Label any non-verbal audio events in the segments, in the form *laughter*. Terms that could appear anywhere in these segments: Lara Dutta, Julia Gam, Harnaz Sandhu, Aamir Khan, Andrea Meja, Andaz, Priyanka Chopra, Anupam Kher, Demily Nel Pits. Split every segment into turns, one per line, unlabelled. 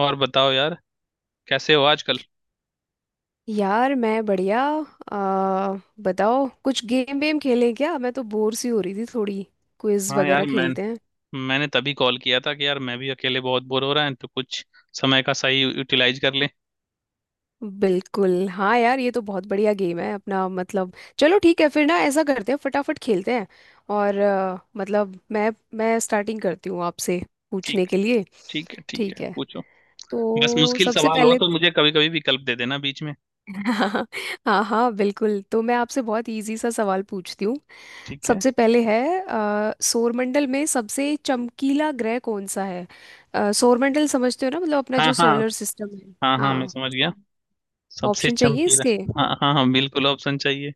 और बताओ यार, कैसे हो आजकल।
यार, मैं बढ़िया। आ, बताओ कुछ गेम वेम खेलें क्या? मैं तो बोर सी हो रही थी थोड़ी। क्विज
हाँ
वगैरह
यार, मैं
खेलते हैं।
मैंने तभी कॉल किया था कि यार, मैं भी अकेले बहुत बोर हो रहा है तो कुछ समय का सही यूटिलाइज कर लें।
बिल्कुल हाँ यार, ये तो बहुत बढ़िया गेम है अपना। मतलब चलो ठीक है फिर ना, ऐसा करते हैं फटाफट खेलते हैं। और मतलब मैं स्टार्टिंग करती हूँ आपसे
ठीक
पूछने के
है।
लिए।
ठीक है, ठीक है,
ठीक है,
पूछो। बस
तो
मुश्किल
सबसे
सवाल हो
पहले।
तो मुझे कभी कभी विकल्प दे देना बीच में।
हाँ, हाँ हाँ, बिल्कुल। तो मैं आपसे बहुत इजी सा सवाल पूछती हूँ।
ठीक है।
सबसे पहले है सौरमंडल में सबसे चमकीला ग्रह कौन सा है? सौरमंडल समझते हो ना, मतलब अपना
हाँ
जो
हाँ।
सोलर सिस्टम है।
हाँ हाँ, मैं
हाँ,
समझ गया। सबसे
ऑप्शन चाहिए
चमकीला।
इसके।
हाँ हाँ हाँ, बिल्कुल ऑप्शन चाहिए।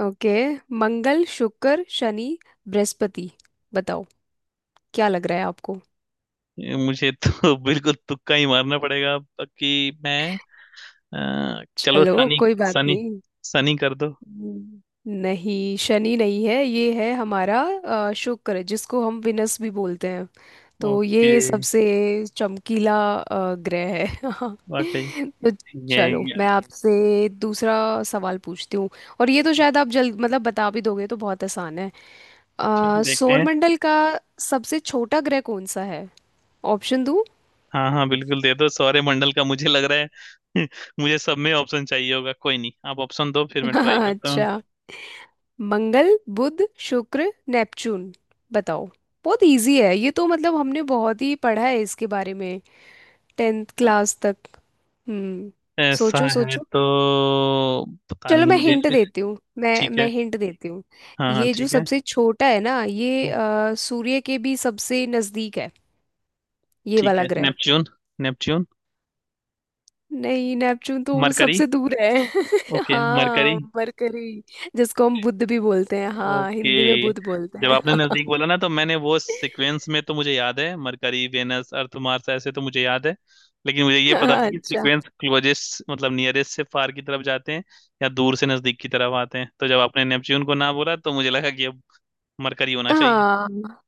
ओके, मंगल, शुक्र, शनि, बृहस्पति। बताओ, क्या लग रहा है आपको?
ये मुझे तो *laughs* बिल्कुल तुक्का ही मारना पड़ेगा अब, कि मैं चलो
चलो,
सनी।
कोई बात
सनी
नहीं।
सनी कर दो।
हम्म। नहीं, शनि नहीं है। ये है हमारा शुक्र, जिसको हम विनस भी बोलते हैं। तो
ओके।
ये सबसे चमकीला ग्रह है। *laughs* हाँ।
वाकई
तो
ये,
चलो मैं
ये
आपसे दूसरा सवाल पूछती हूँ। और ये तो शायद आप जल्द, मतलब बता भी दोगे, तो बहुत आसान है।
चलो देखते हैं।
सौरमंडल का सबसे छोटा ग्रह कौन सा है? ऑप्शन दूँ?
हाँ हाँ, बिल्कुल दे दो, सौर्य मंडल का मुझे लग रहा है *laughs* मुझे सब में ऑप्शन चाहिए होगा। कोई नहीं, आप ऑप्शन दो फिर मैं ट्राई
*laughs*
करता हूँ।
अच्छा। मंगल, बुध, शुक्र, नेपच्यून। बताओ। बहुत इजी है ये तो, मतलब हमने बहुत ही पढ़ा है इसके बारे में 10th क्लास तक। हम्म।
ऐसा
सोचो,
है
सोचो।
तो पता
चलो,
नहीं
मैं
मुझे
हिंट देती हूँ, मैं
ठीक
मैं
है।
हिंट देती हूँ।
हाँ हाँ,
ये जो
ठीक है।
सबसे छोटा है ना, ये सूर्य के भी सबसे नजदीक है, ये
ठीक
वाला
है,
ग्रह।
नेपच्यून। नेपच्यून।
नहीं, नेपच्यून तो वो
मरकरी।
सबसे दूर है। *laughs*
Okay Mercury.
हाँ, मरकरी, जिसको हम बुध भी बोलते हैं। हाँ,
ओके,
हिंदी में बुध बोलते
जब
हैं।
आपने नजदीक बोला ना तो मैंने वो सीक्वेंस में तो मुझे याद है मरकरी वेनस अर्थ मार्स, ऐसे तो मुझे याद है, लेकिन मुझे
*laughs*
ये पता नहीं कि
अच्छा।
सीक्वेंस क्लोजेस्ट मतलब नियरेस्ट से फार की तरफ जाते हैं या दूर से नजदीक की तरफ आते हैं। तो जब आपने नेपच्यून को ना बोला तो मुझे लगा कि अब मरकरी होना चाहिए।
हाँ,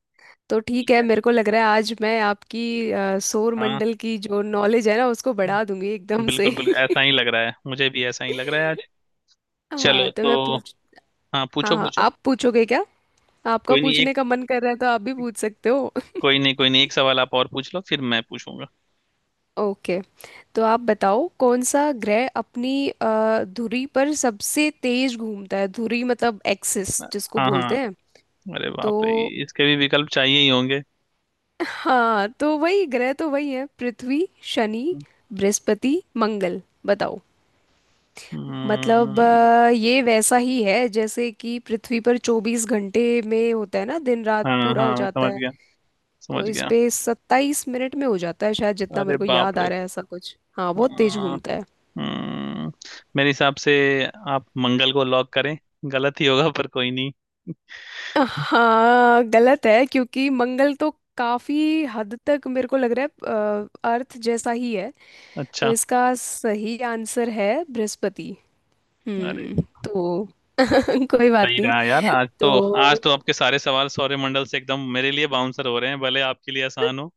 तो ठीक
ठीक
है।
है।
मेरे को लग रहा है आज मैं आपकी सौर
हाँ,
मंडल की जो नॉलेज है ना उसको
हाँ,
बढ़ा दूंगी एकदम से।
बिल्कुल बिल्कुल ऐसा ही
*laughs*
लग रहा है, मुझे भी ऐसा ही लग रहा है आज। चलो
हाँ, तो मैं
तो,
पूछ।
हाँ
हाँ
पूछो
हाँ,
पूछो।
आप पूछोगे क्या? आपका
कोई नहीं एक,
पूछने का मन कर रहा है तो आप भी पूछ सकते हो।
कोई नहीं, कोई नहीं एक सवाल आप और पूछ लो फिर मैं पूछूंगा।
*laughs* ओके। तो आप बताओ, कौन सा ग्रह अपनी धुरी पर सबसे तेज घूमता है? धुरी मतलब एक्सिस जिसको
हाँ हाँ।
बोलते हैं।
अरे
तो
बाप रे, इसके भी विकल्प चाहिए ही होंगे।
हाँ, तो वही ग्रह। तो वही है, पृथ्वी, शनि, बृहस्पति, मंगल। बताओ। मतलब
हम्म।
ये वैसा ही है जैसे कि पृथ्वी पर 24 घंटे में होता है ना, दिन रात
हाँ
पूरा हो
हाँ, मैं
जाता
समझ
है।
गया
तो
समझ
इस
गया
पे 27 मिनट में हो जाता है शायद, जितना
अरे
मेरे को
बाप
याद आ
रे।
रहा है, ऐसा कुछ। हाँ, बहुत तेज
हाँ।
घूमता है।
हम्म। मेरे हिसाब से आप मंगल को लॉक करें, गलत ही होगा पर कोई नहीं।
हाँ गलत है क्योंकि मंगल तो काफी हद तक मेरे को लग रहा है अर्थ जैसा ही है। तो
अच्छा।
इसका सही आंसर है बृहस्पति।
अरे
हम्म। तो *laughs* कोई
सही
बात नहीं।
रहा यार आज तो। आज
तो
तो आपके सारे सवाल सौरमंडल से एकदम मेरे लिए बाउंसर हो रहे हैं, भले आपके लिए आसान हो।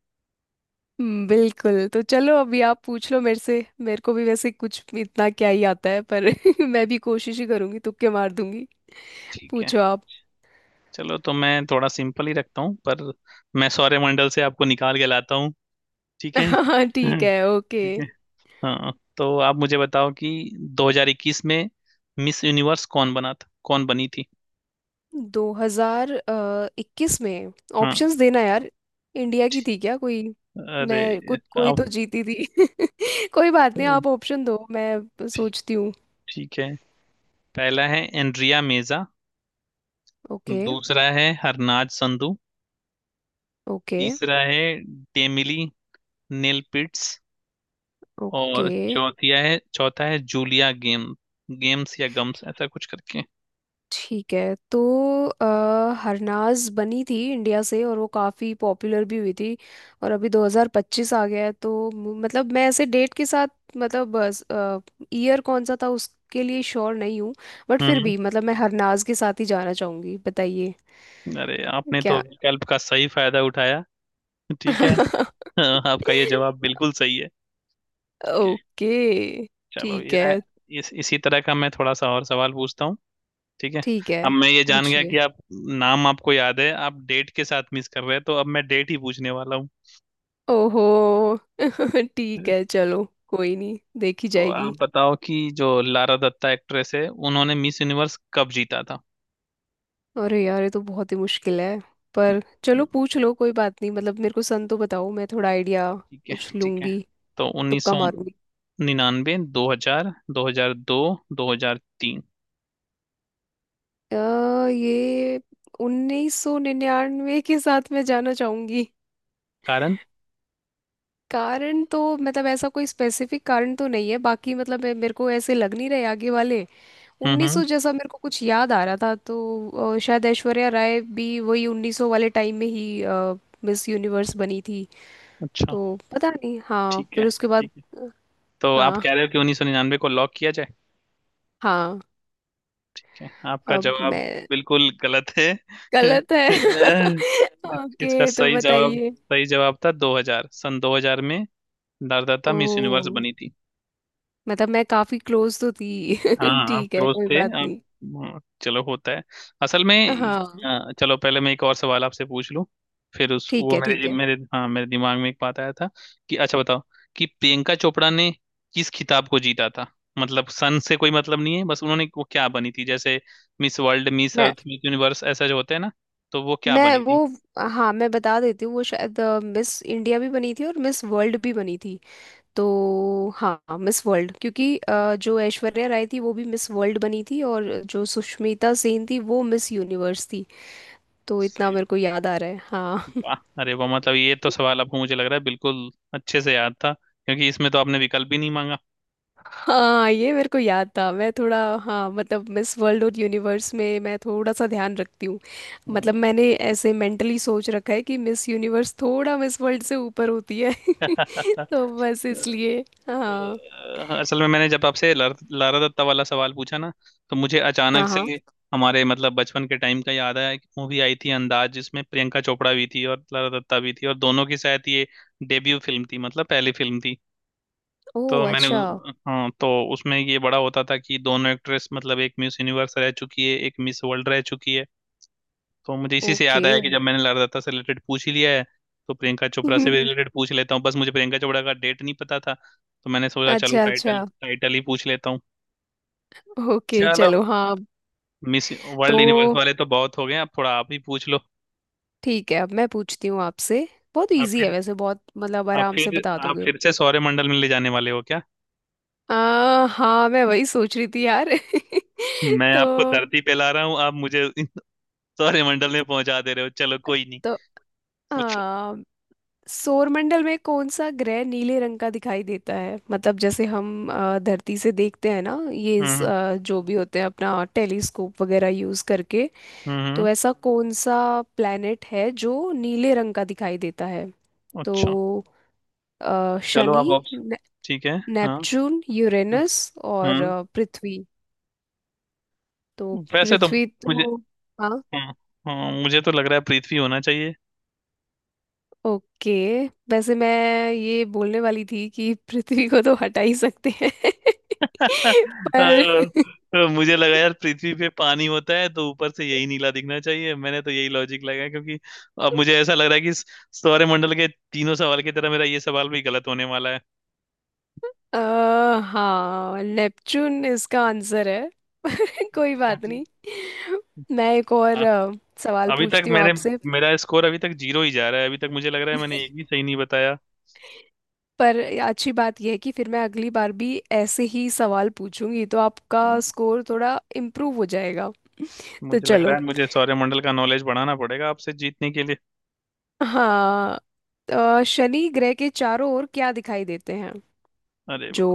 बिल्कुल। तो चलो, अभी आप पूछ लो मेरे से। मेरे को भी वैसे कुछ इतना क्या ही आता है पर *laughs* मैं भी कोशिश ही करूंगी, तुक्के मार दूंगी।
ठीक है।
पूछो आप।
चलो तो मैं थोड़ा सिंपल ही रखता हूँ, पर मैं सौरमंडल से आपको निकाल के लाता हूँ। ठीक है
*laughs* हाँ ठीक
*laughs*
है ओके।
ठीक है। हाँ तो आप मुझे बताओ कि 2021 में मिस यूनिवर्स कौन बना था, कौन बनी थी।
2021 में
हाँ।
ऑप्शंस देना यार। इंडिया की
ठीक-
थी क्या कोई? मैं
अरे
कुछ, कोई
आप,
तो जीती थी। *laughs* कोई बात नहीं, आप ऑप्शन दो, मैं
ठीक,
सोचती हूँ।
ठीक है। पहला है एंड्रिया मेजा,
ओके।
दूसरा है हरनाज संधू,
ओके।
तीसरा है डेमिली नेल पिट्स, और
ओके।
चौथिया है चौथा है जूलिया गेम, गेम्स या गम्स ऐसा कुछ करके।
ठीक है तो अ, हरनाज बनी थी इंडिया से, और वो काफ़ी पॉपुलर भी हुई थी। और अभी 2025 आ गया है, तो मतलब मैं ऐसे डेट के साथ, मतलब ईयर कौन सा था उसके लिए श्योर नहीं हूँ, बट फिर
हम्म।
भी मतलब मैं हरनाज के साथ ही जाना चाहूँगी। बताइए।
अरे आपने तो
क्या?
विकल्प का सही फायदा उठाया। ठीक है।
*laughs*
हाँ, आपका ये जवाब बिल्कुल सही है।
ओके।
चलो
ठीक है,
इसी तरह का मैं थोड़ा सा और सवाल पूछता हूँ। ठीक है।
ठीक है,
अब मैं ये जान गया
पूछिए।
कि आप नाम आपको याद है, आप डेट के साथ मिस कर रहे हैं, तो अब मैं डेट ही पूछने वाला हूँ।
ओहो। *laughs* ठीक है चलो, कोई नहीं, देखी
तो आप
जाएगी।
बताओ कि जो लारा दत्ता एक्ट्रेस है उन्होंने मिस यूनिवर्स कब जीता था।
अरे यार, ये तो बहुत ही मुश्किल है, पर चलो पूछ लो, कोई बात नहीं। मतलब मेरे को सन तो बताओ, मैं थोड़ा आइडिया
ठीक है,
कुछ
ठीक है।
लूंगी,
तो उन्नीस
तुक्का
सौ
मारूंगी।
निन्यानवे 2000, दो हजार दो, 2003।
ये 1999 के साथ मैं जाना चाहूंगी।
कारण।
कारण तो मतलब ऐसा कोई स्पेसिफिक कारण तो नहीं है, बाकी मतलब मेरे को ऐसे लग नहीं रहे आगे वाले। 1900
हम्म।
जैसा मेरे को कुछ याद आ रहा था, तो शायद ऐश्वर्या राय भी वही 1900 वाले टाइम में ही मिस यूनिवर्स बनी थी।
अच्छा।
तो पता नहीं। हाँ
ठीक है,
फिर उसके बाद।
ठीक है। तो आप
हाँ
कह रहे हो कि 1999 को लॉक किया।
हाँ।
Okay, आपका
अब
जवाब
मैं।
बिल्कुल गलत है। *laughs*
गलत है। *laughs*
इसका
ओके, तो
सही जवाब
बताइए।
सही जवाब था 2000, सन 2000 में भारदाता मिस यूनिवर्स
ओ।
बनी थी।
मतलब मैं काफी क्लोज तो थी। *laughs*
हाँ आप
ठीक है,
क्लोज
कोई
थे,
बात
आप।
नहीं।
हाँ, चलो होता है असल में।
हाँ
चलो पहले मैं एक और सवाल आपसे पूछ लूं। फिर उस
ठीक
वो
है, ठीक
मेरे
है।
मेरे हाँ मेरे दिमाग में एक बात आया था कि, अच्छा बताओ कि प्रियंका चोपड़ा ने किस खिताब को जीता था। मतलब सन से कोई मतलब नहीं है, बस उन्होंने वो क्या बनी थी, जैसे मिस वर्ल्ड, मिस
मैं
अर्थ, मिस यूनिवर्स ऐसा जो होते हैं ना, तो वो क्या
मैं
बनी
वो
थी।
हाँ, मैं बता देती हूँ। वो शायद मिस इंडिया भी बनी थी और मिस वर्ल्ड भी बनी थी। तो हाँ, मिस वर्ल्ड, क्योंकि जो ऐश्वर्या राय थी वो भी मिस वर्ल्ड बनी थी, और जो सुष्मिता सेन थी वो मिस यूनिवर्स थी। तो इतना
सही
मेरे को
बात।
याद आ रहा है। हाँ।
वाह। अरे वाह, मतलब ये तो सवाल आपको मुझे लग रहा है बिल्कुल अच्छे से याद था, क्योंकि इसमें तो आपने विकल्प भी नहीं मांगा।
हाँ, ये मेरे को याद था। मैं थोड़ा, हाँ मतलब मिस वर्ल्ड और यूनिवर्स में मैं थोड़ा सा ध्यान रखती हूँ। मतलब
हम्म।
मैंने ऐसे मेंटली सोच रखा है कि मिस यूनिवर्स थोड़ा मिस वर्ल्ड से ऊपर होती है। *laughs* तो बस
*laughs*
इसलिए। हाँ
असल में मैंने जब आपसे लारा दत्ता वाला सवाल पूछा ना, तो मुझे
हाँ
अचानक से
हाँ।
हमारे मतलब बचपन के टाइम का याद आया। एक मूवी आई थी अंदाज, जिसमें प्रियंका चोपड़ा भी थी और लारा दत्ता भी थी, और दोनों की शायद ये डेब्यू फिल्म थी, मतलब पहली फिल्म थी।
ओ
तो मैंने
अच्छा।
हाँ, तो उसमें ये बड़ा होता था कि दोनों एक्ट्रेस मतलब एक मिस यूनिवर्स रह चुकी है, एक मिस वर्ल्ड रह चुकी है। तो मुझे इसी से
ओके।
याद आया कि जब मैंने लारदाता से रिलेटेड पूछ ही लिया है तो प्रियंका चोपड़ा से भी रिलेटेड
*laughs*
पूछ लेता हूँ। बस मुझे प्रियंका चोपड़ा का डेट नहीं पता था तो मैंने सोचा चलो
अच्छा, अच्छा।
टाइटल टाइटल ही पूछ लेता हूँ।
ओके,
चलो,
चलो हाँ।
मिस वर्ल्ड
तो
यूनिवर्स वाले तो बहुत हो गए, अब थोड़ा आप ही पूछ लो।
ठीक है, अब मैं पूछती हूँ आपसे। बहुत
आप
इजी है
फिर
वैसे, बहुत, मतलब
आप
आराम से
फिर
बता
आप
दोगे।
फिर से सौरमंडल में ले जाने वाले हो क्या।
हाँ, मैं वही सोच रही थी यार।
मैं
*laughs* तो
आपको धरती पे ला रहा हूँ, आप मुझे *laughs* इन सौरमंडल में पहुंचा दे रहे हो, चलो कोई नहीं।
तो
पूछो।
आ, सौरमंडल में कौन सा ग्रह नीले रंग का दिखाई देता है? मतलब जैसे हम धरती से देखते हैं ना ये
हम्म
जो भी होते हैं अपना टेलीस्कोप वगैरह यूज करके।
हम्म।
तो ऐसा कौन सा प्लेनेट है जो नीले रंग का दिखाई देता है? तो
अच्छा। चलो,
शनि,
आप ऑप्शन।
ने,
ठीक है, हाँ
नेपच्यून,
हाँ।
यूरेनस, और
हम्म।
पृथ्वी। तो
वैसे तो
पृथ्वी
मुझे
तो, हाँ
हाँ, हाँ, मुझे तो लग रहा है पृथ्वी होना चाहिए।
ओके। वैसे मैं ये बोलने वाली थी कि पृथ्वी को तो हटा ही सकते हैं। *laughs*
*laughs*
पर
मुझे लगा यार पृथ्वी पे पानी होता है तो ऊपर से यही नीला दिखना चाहिए, मैंने तो यही लॉजिक लगाया, क्योंकि अब मुझे ऐसा लग रहा है कि इस सौरमंडल के तीनों सवाल की तरह मेरा ये सवाल भी गलत होने वाला है।
अ, हाँ, नेपच्यून इसका आंसर है। *laughs* कोई
अच्छा
बात
जी।
नहीं। मैं एक और
हाँ।
सवाल
अभी तक
पूछती हूँ
मैंने
आपसे।
मेरा स्कोर अभी तक जीरो ही जा रहा है, अभी तक मुझे लग रहा है मैंने एक भी सही नहीं बताया।
पर अच्छी बात यह है कि फिर मैं अगली बार भी ऐसे ही सवाल पूछूंगी तो आपका
हम्म,
स्कोर थोड़ा इम्प्रूव हो जाएगा। तो
मुझे लग रहा
चलो।
है मुझे सौरमंडल का नॉलेज बढ़ाना पड़ेगा आपसे जीतने के लिए।
हाँ। शनि ग्रह के चारों ओर क्या दिखाई देते हैं?
अरे
जो,
वाह।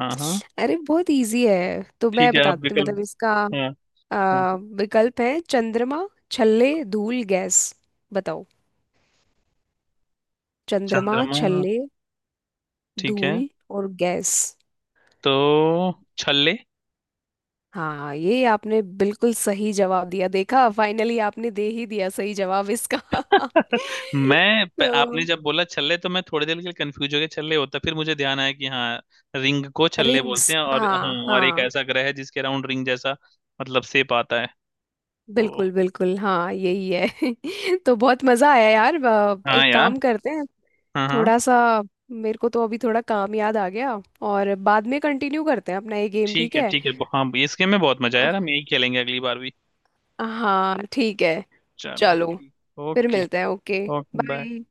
हाँ हाँ।
अरे बहुत इजी है, तो मैं
ठीक है, आप
बताती हूँ,
विकल्प।
मतलब इसका
हाँ हाँ।
विकल्प है: चंद्रमा, छल्ले, धूल, गैस। बताओ। चंद्रमा,
चंद्रमा।
छल्ले,
ठीक है,
धूल और गैस।
तो छल्ले।
हाँ, ये आपने बिल्कुल सही जवाब दिया। देखा, फाइनली आपने दे ही दिया सही जवाब इसका। *laughs*
*laughs*
तो
आपने जब बोला छल्ले तो मैं थोड़ी देर के लिए कंफ्यूज हो गया छल्ले होता, फिर मुझे ध्यान आया कि हाँ, रिंग को छल्ले बोलते
रिंग्स,
हैं, और हाँ,
हाँ
और एक
हाँ।
ऐसा ग्रह है जिसके अराउंड रिंग जैसा मतलब शेप आता है तो।
बिल्कुल बिल्कुल, हाँ यही है। *laughs* तो बहुत मज़ा आया यार।
हाँ
एक
यार।
काम करते हैं,
हाँ हाँ।
थोड़ा सा, मेरे को तो अभी थोड़ा काम याद आ गया, और बाद में कंटिन्यू करते हैं अपना ये गेम,
ठीक
ठीक
है,
है?
ठीक है। हाँ, इसके में बहुत मजा आया यार, हम
अ-
यही खेलेंगे अगली बार भी।
हाँ ठीक है,
चलो
चलो,
ठीक।
फिर
ओके।
मिलते हैं। Okay,
okay bye.
बाय।